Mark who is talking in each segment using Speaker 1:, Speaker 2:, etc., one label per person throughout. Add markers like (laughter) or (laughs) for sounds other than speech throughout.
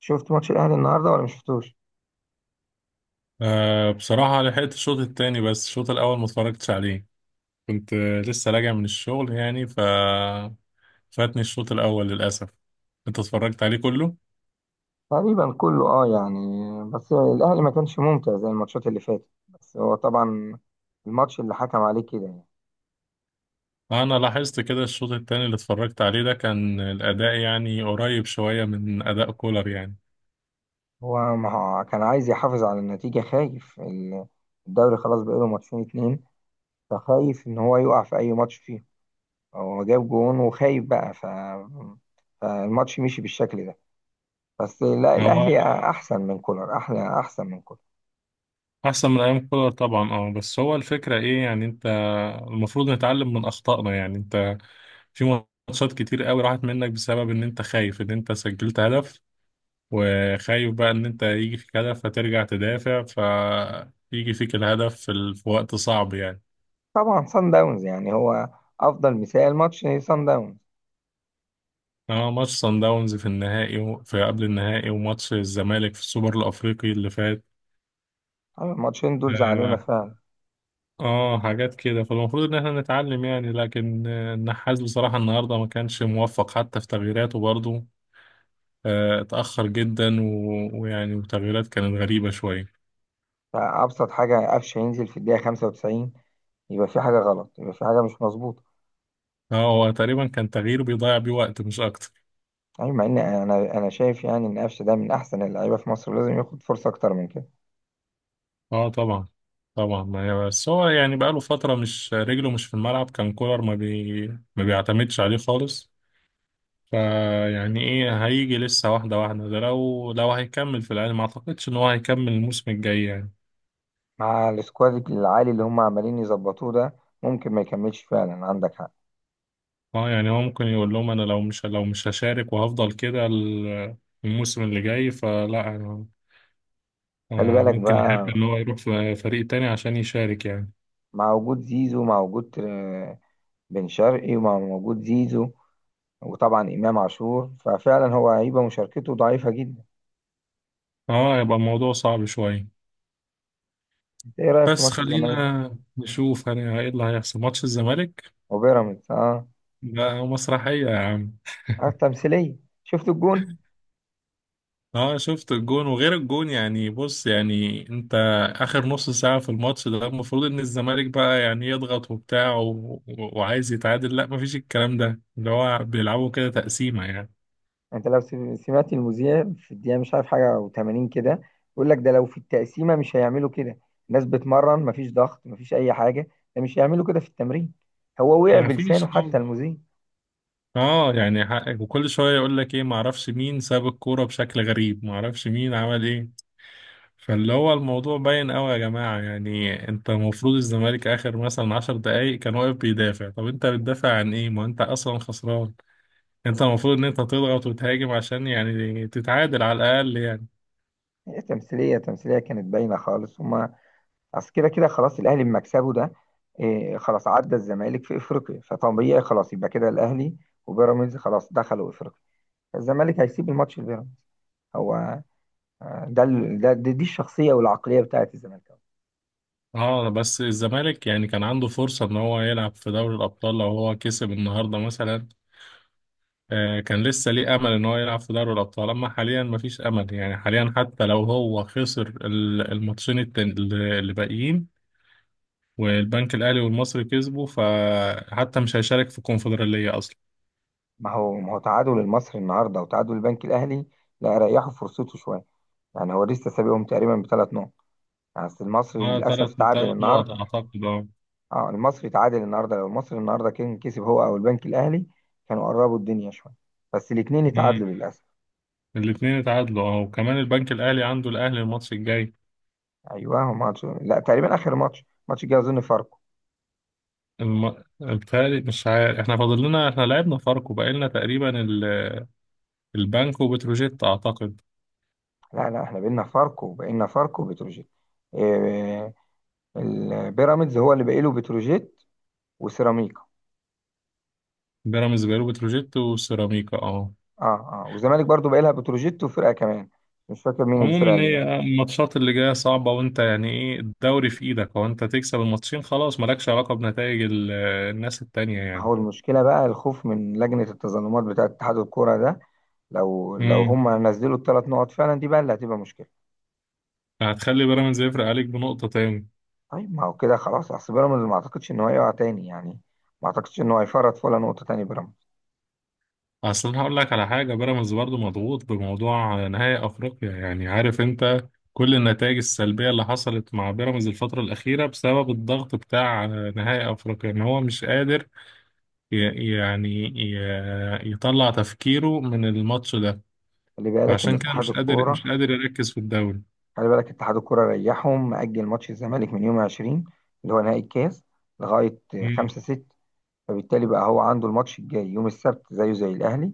Speaker 1: شفت ماتش الاهلي النهارده ولا مش شفتوش؟
Speaker 2: أه، بصراحة لحقت الشوط التاني، بس الشوط الأول ما اتفرجتش عليه. كنت لسه راجع من الشغل، يعني فاتني الشوط الأول للأسف. أنت اتفرجت عليه كله؟
Speaker 1: تقريبا كله اه يعني. بس الاهلي ما كانش ممتع زي الماتشات اللي فاتت، بس هو طبعا الماتش اللي حكم عليه كده يعني.
Speaker 2: أنا لاحظت كده الشوط التاني اللي اتفرجت عليه ده، كان الأداء يعني قريب شوية من أداء كولر يعني.
Speaker 1: هو ما هو كان عايز يحافظ على النتيجه، خايف الدوري خلاص بقاله ماتشين اتنين، فخايف ان هو يقع في اي ماتش فيه. هو جاب جون وخايف بقى فالماتش مشي بالشكل ده. بس لا
Speaker 2: هو
Speaker 1: الاهلي احسن من كولر، احسن من كولر.
Speaker 2: أحسن من أيام كولر طبعا، أه، بس هو الفكرة إيه يعني؟ أنت المفروض نتعلم من أخطائنا يعني. أنت في ماتشات كتير قوي راحت منك بسبب ان انت خايف ان انت سجلت هدف، وخايف بقى ان انت يجي فيك هدف فترجع تدافع، فيجي فيك الهدف في وقت صعب يعني.
Speaker 1: طبعا سان داونز يعني، هو افضل مثال ماتش سان داونز.
Speaker 2: اه، ماتش صن داونز في النهائي في قبل النهائي، وماتش الزمالك في السوبر الافريقي اللي فات.
Speaker 1: أيوة، الماتشين دول زعلونا
Speaker 2: اه،
Speaker 1: فعلا.
Speaker 2: حاجات كده، فالمفروض ان احنا نتعلم يعني، لكن النحاس بصراحة النهاردة ما كانش موفق حتى في تغييراته برضه. اتأخر جدا ويعني وتغييرات كانت غريبة شوية.
Speaker 1: فأبسط حاجة قفش ينزل في الدقيقة 95، يبقى في حاجة غلط، يبقى في حاجة مش مظبوطة.
Speaker 2: اه، هو تقريبا كان تغيير بيضيع بيه وقت مش اكتر.
Speaker 1: يعني مع إن أنا شايف يعني إن قفش ده من أحسن اللعيبة في مصر، لازم ياخد فرصة أكتر من كده.
Speaker 2: اه طبعا. طبعا، ما هي بس هو يعني بقاله فترة مش رجله مش في الملعب، كان كولر ما بيعتمدش عليه خالص. فيعني ايه، هيجي لسه واحدة واحدة. ده لو هيكمل في الأهلي، ما اعتقدش ان هو هيكمل الموسم الجاي يعني.
Speaker 1: مع السكواد العالي اللي هم عمالين يظبطوه ده، ممكن ما يكملش فعلا، عندك حق.
Speaker 2: اه يعني، هو ممكن يقول لهم انا لو مش هشارك وهفضل كده، الموسم اللي جاي، فلا أنا
Speaker 1: خلي بالك
Speaker 2: ممكن يحب
Speaker 1: بقى،
Speaker 2: ان هو يروح في فريق تاني عشان يشارك يعني.
Speaker 1: مع وجود زيزو، مع وجود بن شرقي، ومع وجود زيزو، وطبعا إمام عاشور. ففعلا هو هيبقى مشاركته ضعيفة جدا.
Speaker 2: اه، يبقى الموضوع صعب شوية.
Speaker 1: إنت إيه رأيك في
Speaker 2: بس
Speaker 1: ماتش الزمالك
Speaker 2: خلينا نشوف ايه اللي هيحصل ماتش الزمالك.
Speaker 1: وبيراميدز؟ آه.
Speaker 2: لا، هو مسرحية يا عم.
Speaker 1: اه، تمثيلية. شفت الجون.
Speaker 2: اه شفت الجون، وغير الجون يعني، بص يعني انت اخر نص ساعة في الماتش ده، المفروض ان الزمالك بقى يعني يضغط وبتاع وعايز يتعادل. لا، مفيش الكلام ده، اللي هو بيلعبوا كده تقسيمة يعني.
Speaker 1: انت لو سمعت المذيع في الدقيقة مش عارف حاجة و80 كده، يقول لك ده لو في التقسيمة مش هيعملوا كده. الناس بتمرن، مفيش ضغط، مفيش أي حاجة. ده مش هيعملوا كده في التمرين. هو وقع
Speaker 2: مفيش
Speaker 1: بلسانه حتى
Speaker 2: خالص.
Speaker 1: المذيع.
Speaker 2: اه يعني، حقك. وكل شوية يقول لك ايه، معرفش مين ساب الكورة بشكل غريب، معرفش مين عمل ايه. فاللي هو الموضوع باين قوي يا جماعة، يعني انت المفروض الزمالك اخر مثلا 10 دقايق كان واقف بيدافع. طب انت بتدافع عن ايه، ما انت اصلا خسران. انت المفروض ان انت تضغط وتهاجم عشان يعني تتعادل على الاقل يعني.
Speaker 1: هي تمثيلية، تمثيلية كانت باينة خالص. هما أصل كده كده خلاص الأهلي بمكسبه ده، إيه خلاص عدى الزمالك في إفريقيا، فطبيعي خلاص يبقى كده. الأهلي وبيراميدز خلاص دخلوا إفريقيا، الزمالك هيسيب الماتش لبيراميدز. هو آه، ده ال- ده دي, دي الشخصيه والعقليه بتاعت الزمالكاوي.
Speaker 2: اه، بس الزمالك يعني كان عنده فرصة ان هو يلعب في دوري الابطال لو هو كسب النهاردة مثلا. آه، كان لسه ليه امل ان هو يلعب في دوري الابطال. اما حاليا مفيش امل يعني، حاليا حتى لو هو خسر اللي باقيين، والبنك الاهلي والمصري كسبوا، فحتى مش هيشارك في الكونفدرالية اصلا.
Speaker 1: ما هو تعادل المصري النهارده وتعادل البنك الاهلي. لا، ريحوا فرصته شويه. يعني هو لسه سابقهم تقريبا بثلاث نقط. يعني أصل المصري
Speaker 2: اه،
Speaker 1: للاسف
Speaker 2: تلات
Speaker 1: تعادل
Speaker 2: تلات نقط
Speaker 1: النهارده.
Speaker 2: اعتقد، اه.
Speaker 1: اه، المصري تعادل النهارده، لو المصري النهارده كان كسب هو او البنك الاهلي، كانوا قربوا الدنيا شويه. بس الاثنين
Speaker 2: مم.
Speaker 1: اتعادلوا للاسف.
Speaker 2: الاتنين اتعادلوا، اه. وكمان البنك الاهلي عنده الاهلي الماتش الجاي.
Speaker 1: ايوه، هو ماتش لا تقريبا اخر ماتش، ماتش الجاي اظن فاركو.
Speaker 2: بتهيألي مش عارف، احنا فاضل لنا، احنا لعبنا فاركو، بقى لنا تقريبا البنك وبتروجيت اعتقد.
Speaker 1: لا لا، احنا بقينا فاركو وبتروجيت. إيه، البيراميدز هو اللي باقي له بتروجيت وسيراميكا.
Speaker 2: بيراميدز، بيراميدز وبتروجيت وسيراميكا، اه.
Speaker 1: اه. اه، والزمالك برضو بقى لها بتروجيت وفرقه كمان، مش فاكر مين الفرقه
Speaker 2: عموما
Speaker 1: اللي بقى.
Speaker 2: هي الماتشات اللي جايه صعبه، وانت يعني ايه، الدوري في ايدك، وانت تكسب الماتشين خلاص، مالكش علاقه بنتائج الناس التانية
Speaker 1: هو
Speaker 2: يعني.
Speaker 1: المشكله بقى الخوف من لجنه التظلمات بتاعه اتحاد الكوره ده. لو
Speaker 2: امم.
Speaker 1: هم نزلوا الثلاث نقط فعلا، دي بقى اللي هتبقى مشكله.
Speaker 2: هتخلي بيراميدز يفرق عليك بنقطه تاني.
Speaker 1: طيب ما هو كده خلاص، اصل بيراميدز ما اعتقدش ان هو هيقع تاني يعني، ما اعتقدش ان هو هيفرط في ولا نقطه تاني بيراميدز.
Speaker 2: اصل انا هقول لك على حاجه، بيراميدز برضو مضغوط بموضوع نهائي افريقيا. يعني عارف انت كل النتائج السلبيه اللي حصلت مع بيراميدز الفتره الاخيره بسبب الضغط بتاع نهائي افريقيا، ان هو مش قادر يعني يطلع تفكيره من الماتش ده.
Speaker 1: خلي بالك ان
Speaker 2: فعشان كده
Speaker 1: اتحاد
Speaker 2: مش قادر
Speaker 1: الكوره
Speaker 2: مش قادر يركز في الدوري.
Speaker 1: خلي بالك اتحاد الكوره ريحهم، مأجل ماتش الزمالك من يوم 20 اللي هو نهائي الكاس لغايه
Speaker 2: مم.
Speaker 1: 5 6. فبالتالي بقى هو عنده الماتش الجاي يوم السبت زيه زي الأهلي،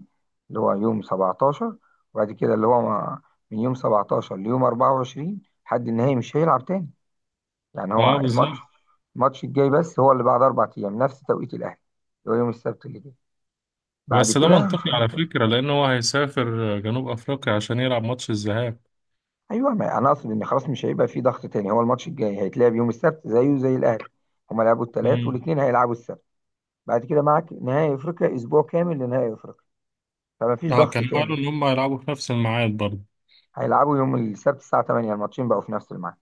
Speaker 1: اللي هو يوم 17. وبعد كده اللي هو من يوم 17 ليوم 24 لحد النهائي مش هيلعب تاني. يعني
Speaker 2: اه
Speaker 1: هو الماتش
Speaker 2: بالظبط.
Speaker 1: الماتش الجاي بس هو اللي بعد 4 أيام نفس توقيت الأهلي، اللي هو يوم السبت اللي جاي، بعد
Speaker 2: بس ده
Speaker 1: كده
Speaker 2: منطقي
Speaker 1: مش
Speaker 2: على
Speaker 1: هنلعب تاني.
Speaker 2: فكره، لان هو هيسافر جنوب افريقيا عشان يلعب ماتش الذهاب.
Speaker 1: أيوه، ما أنا أقصد إن خلاص مش هيبقى في ضغط تاني، هو الماتش الجاي هيتلعب يوم السبت زيه زي الأهلي. هما لعبوا الثلاث
Speaker 2: مم.
Speaker 1: والاثنين هيلعبوا السبت. بعد كده معاك نهائي أفريقيا، أسبوع كامل لنهائي أفريقيا، فما فيش
Speaker 2: اه،
Speaker 1: ضغط
Speaker 2: كانوا
Speaker 1: تاني.
Speaker 2: قالوا ان هم هيلعبوا في نفس الميعاد برضه.
Speaker 1: هيلعبوا يوم السبت الساعة 8، الماتشين بقوا في نفس الميعاد.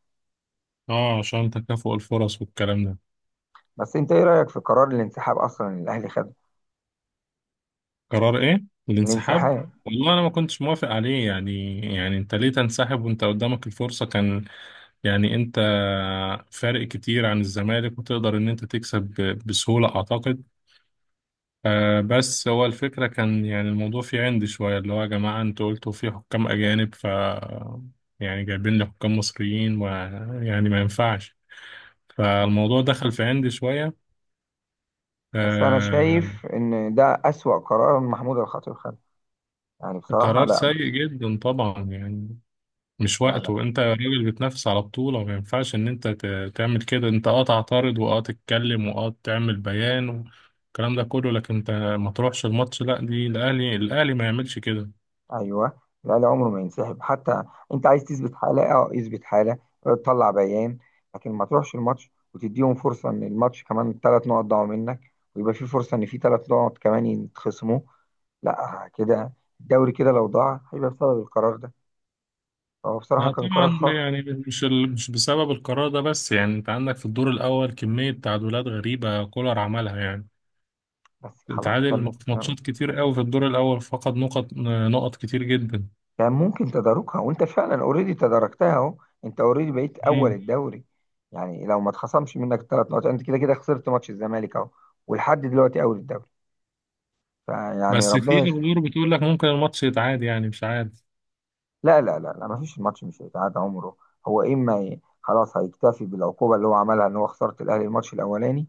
Speaker 2: اه، عشان تكافؤ الفرص والكلام ده.
Speaker 1: بس انت ايه رأيك في قرار الانسحاب اصلا اللي الاهلي خده؟
Speaker 2: قرار ايه؟ الانسحاب.
Speaker 1: الانسحاب.
Speaker 2: والله انا ما كنتش موافق عليه يعني. يعني انت ليه تنسحب وانت قدامك الفرصة؟ كان يعني انت فارق كتير عن الزمالك، وتقدر ان انت تكسب بسهولة اعتقد. آه، بس هو الفكرة كان يعني الموضوع فيه عند شوية، اللي هو يا جماعة انتوا قلتوا في حكام اجانب، يعني جايبين لي حكام مصريين، ويعني ما ينفعش. فالموضوع دخل في عندي شوية.
Speaker 1: بس انا
Speaker 2: آه،
Speaker 1: شايف ان ده أسوأ قرار محمود الخطيب خده، يعني بصراحة
Speaker 2: قرار
Speaker 1: لا.
Speaker 2: سيء جدا طبعا يعني. مش
Speaker 1: لا, لا.
Speaker 2: وقته، انت راجل بتنافس على بطولة، ما ينفعش ان انت تعمل كده. انت اه تعترض، واه تتكلم، واه تعمل بيان، والكلام ده كله، لكن انت ما تروحش الماتش، لا. دي الاهلي، الاهلي ما يعملش كده.
Speaker 1: ايوه. الاهلي عمره ما ينسحب حتى. انت عايز تثبت حالة، اه اثبت حالة، اه، تطلع بيان، لكن ما تروحش الماتش وتديهم فرصة ان الماتش كمان ثلاث نقط ضاعوا منك، ويبقى في فرصة ان في ثلاث نقط كمان يتخصموا. لا كده الدوري كده لو ضاع هيبقى بسبب القرار ده، هو بصراحة
Speaker 2: لا
Speaker 1: كان
Speaker 2: طبعا
Speaker 1: قرار خاطئ.
Speaker 2: يعني. مش مش بسبب القرار ده بس، يعني انت عندك في الدور الاول كمية تعادلات غريبة كولر عملها يعني.
Speaker 1: بس خلاص كان
Speaker 2: اتعادل في
Speaker 1: يعني
Speaker 2: ماتشات كتير قوي في الدور الاول، فقد نقط، نقط كتير جدا.
Speaker 1: كان ممكن تداركها، وانت فعلا اوريدي تداركتها اهو. انت اوريدي بقيت اول الدوري. يعني لو ما اتخصمش منك ثلاث نقط، انت كده كده خسرت ماتش الزمالك اهو، ولحد دلوقتي اول الدوري. فيعني
Speaker 2: بس في
Speaker 1: ربنا يستر.
Speaker 2: اخبار بتقول لك ممكن الماتش يتعاد، يعني مش عارف.
Speaker 1: لا لا لا لا، ما فيش، الماتش مش هيتعاد عمره. هو اما خلاص هيكتفي بالعقوبه اللي هو عملها، ان هو خساره الاهلي الماتش الاولاني،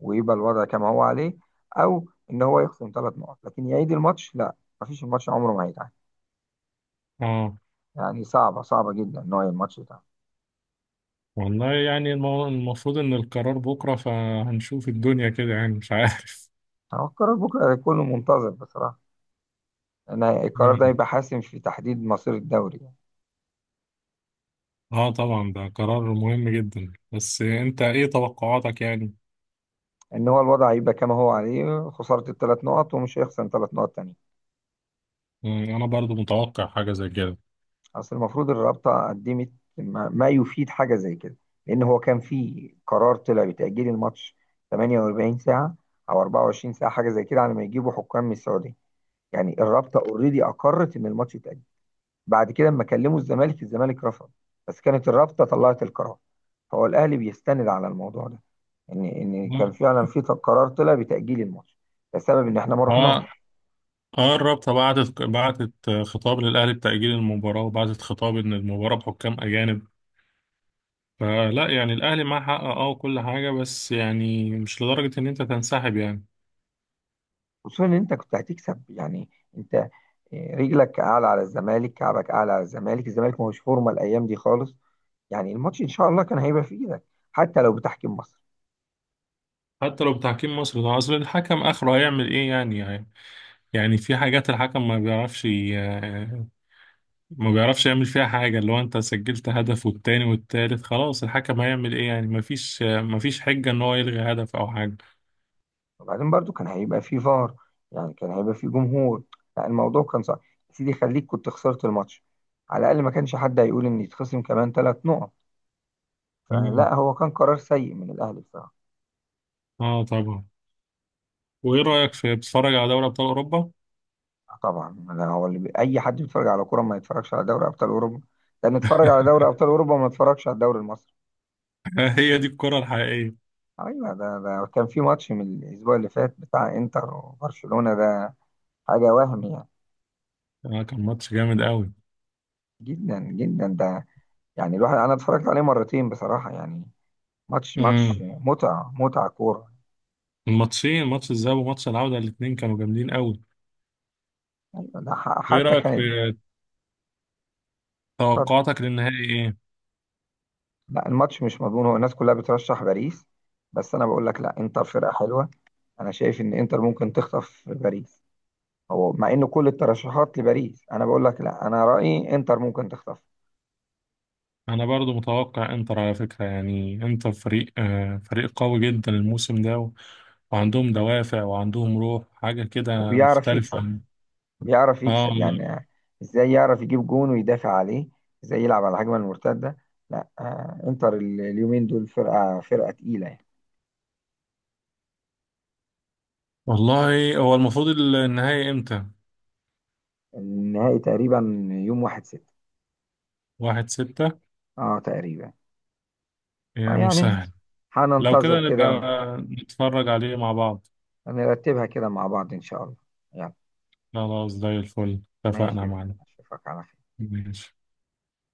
Speaker 1: ويبقى الوضع كما هو عليه، او ان هو يخصم ثلاث نقط لكن يعيد الماتش، لا. ما فيش، الماتش عمره ما هيتعاد.
Speaker 2: اه،
Speaker 1: يعني صعبه، صعبه جدا ان هو الماتش يتعاد.
Speaker 2: والله يعني المفروض ان القرار بكره، فهنشوف الدنيا كده، يعني مش عارف.
Speaker 1: هو القرار بكره هيكون منتظر بصراحه. انا
Speaker 2: (laughs)
Speaker 1: القرار ده
Speaker 2: مم.
Speaker 1: هيبقى حاسم في تحديد مصير الدوري.
Speaker 2: اه طبعا، ده قرار مهم جدا، بس انت ايه توقعاتك يعني؟
Speaker 1: ان هو الوضع هيبقى كما هو عليه، خساره الثلاث نقط ومش هيخسر ثلاث نقط تانية.
Speaker 2: مم، انا برضو متوقع حاجه زي كده.
Speaker 1: اصل المفروض الرابطه قدمت، ما يفيد حاجه زي كده، لان هو كان في قرار طلع بتاجيل الماتش 48 ساعه او 24 ساعه حاجه زي كده، على ما يجيبوا حكام من السعوديه. يعني الرابطه اوريدي اقرت ان الماتش يتاجل، بعد كده لما كلموا الزمالك، الزمالك رفض، بس كانت الرابطه طلعت القرار. فهو الاهلي بيستند على الموضوع ده، ان كان
Speaker 2: اه.
Speaker 1: فعلا في قرار طلع بتاجيل الماتش، لسبب ان احنا ما
Speaker 2: اه.
Speaker 1: رحناش.
Speaker 2: آه، الرابطه بعتت خطاب للاهلي بتاجيل المباراه، وبعتت خطاب ان المباراه بحكام اجانب. فلا يعني الاهلي معاه حق، اه، وكل حاجه، بس يعني مش لدرجه ان انت تنسحب يعني.
Speaker 1: خصوصا ان انت كنت هتكسب يعني، انت رجلك اعلى على الزمالك، كعبك اعلى على الزمالك، الزمالك ما هوش فورمه الايام دي خالص. يعني الماتش ان شاء الله كان هيبقى في ايدك حتى لو بتحكيم مصر.
Speaker 2: حتى لو بتحكيم مصري، ده اصل الحكم اخره هيعمل ايه يعني؟ يعني، يعني في حاجات الحكم ما بيعرفش يعمل فيها حاجة. اللي هو انت سجلت هدف والتاني والتالت، خلاص الحكم هيعمل ايه يعني؟ ما فيش حجة ان هو يلغي هدف او حاجة.
Speaker 1: وبعدين برضو كان هيبقى فيه فار، يعني كان هيبقى فيه جمهور. لا الموضوع كان صعب. يا سيدي خليك كنت خسرت الماتش، على الأقل ما كانش حد هيقول إن يتخصم كمان ثلاث نقط.
Speaker 2: مم.
Speaker 1: فلا هو كان قرار سيء من الأهلي بصراحة.
Speaker 2: اه طبعا. وايه رأيك في، بتتفرج على دوري ابطال اوروبا؟
Speaker 1: آه طبعا، ده هو اللي أي حد بيتفرج على كورة ما يتفرجش على دوري أبطال أوروبا؟ ده نتفرج على دوري
Speaker 2: (laughs)
Speaker 1: أبطال أوروبا وما نتفرجش على الدوري المصري؟
Speaker 2: هي دي الكرة الحقيقية.
Speaker 1: أيوة، ده كان في ماتش من الأسبوع اللي فات بتاع إنتر وبرشلونة، ده حاجة وهم يعني.
Speaker 2: آه كان ماتش جامد قوي.
Speaker 1: جدا جدا ده. يعني الواحد، أنا اتفرجت عليه مرتين بصراحة يعني. ماتش ماتش
Speaker 2: امم.
Speaker 1: متعة، متعة كورة.
Speaker 2: الماتشين، ماتش الذهاب وماتش العودة، الاتنين كانوا جامدين قوي.
Speaker 1: يعني ده
Speaker 2: وايه
Speaker 1: حتى
Speaker 2: رأيك في
Speaker 1: كان ف-
Speaker 2: توقعاتك للنهائي ايه؟
Speaker 1: لا، الماتش مش مضمون. هو الناس كلها بترشح باريس، بس أنا بقول لك لا، إنتر فرقة حلوة. أنا شايف إن إنتر ممكن تخطف باريس. هو مع إن كل الترشحات لباريس، أنا بقول لك لا، أنا رأيي إنتر ممكن تخطف.
Speaker 2: انا برضو متوقع انتر على فكرة يعني. انتر فريق، فريق قوي جدا الموسم ده، وعندهم دوافع، وعندهم روح، حاجة كده
Speaker 1: وبيعرف
Speaker 2: مختلفة
Speaker 1: يكسب،
Speaker 2: عن.
Speaker 1: بيعرف
Speaker 2: اه
Speaker 1: يكسب يعني. إزاي يعرف يجيب جون ويدافع عليه، إزاي يلعب على الهجمة المرتدة. لا إنتر اليومين دول فرقة، فرقة تقيلة يعني.
Speaker 2: والله. هو المفروض النهائي امتى؟
Speaker 1: النهائي تقريبا يوم 1 6.
Speaker 2: 1/6.
Speaker 1: اه تقريبا.
Speaker 2: يا
Speaker 1: يعني
Speaker 2: مسهل. لو
Speaker 1: هننتظر
Speaker 2: كده نبقى
Speaker 1: كده.
Speaker 2: نتفرج عليه مع بعض.
Speaker 1: هنرتبها كده مع بعض إن شاء الله. يلا.
Speaker 2: خلاص، زي الفل، اتفقنا
Speaker 1: ماشي،
Speaker 2: معنا.
Speaker 1: أشوفك على خير.
Speaker 2: ماشي.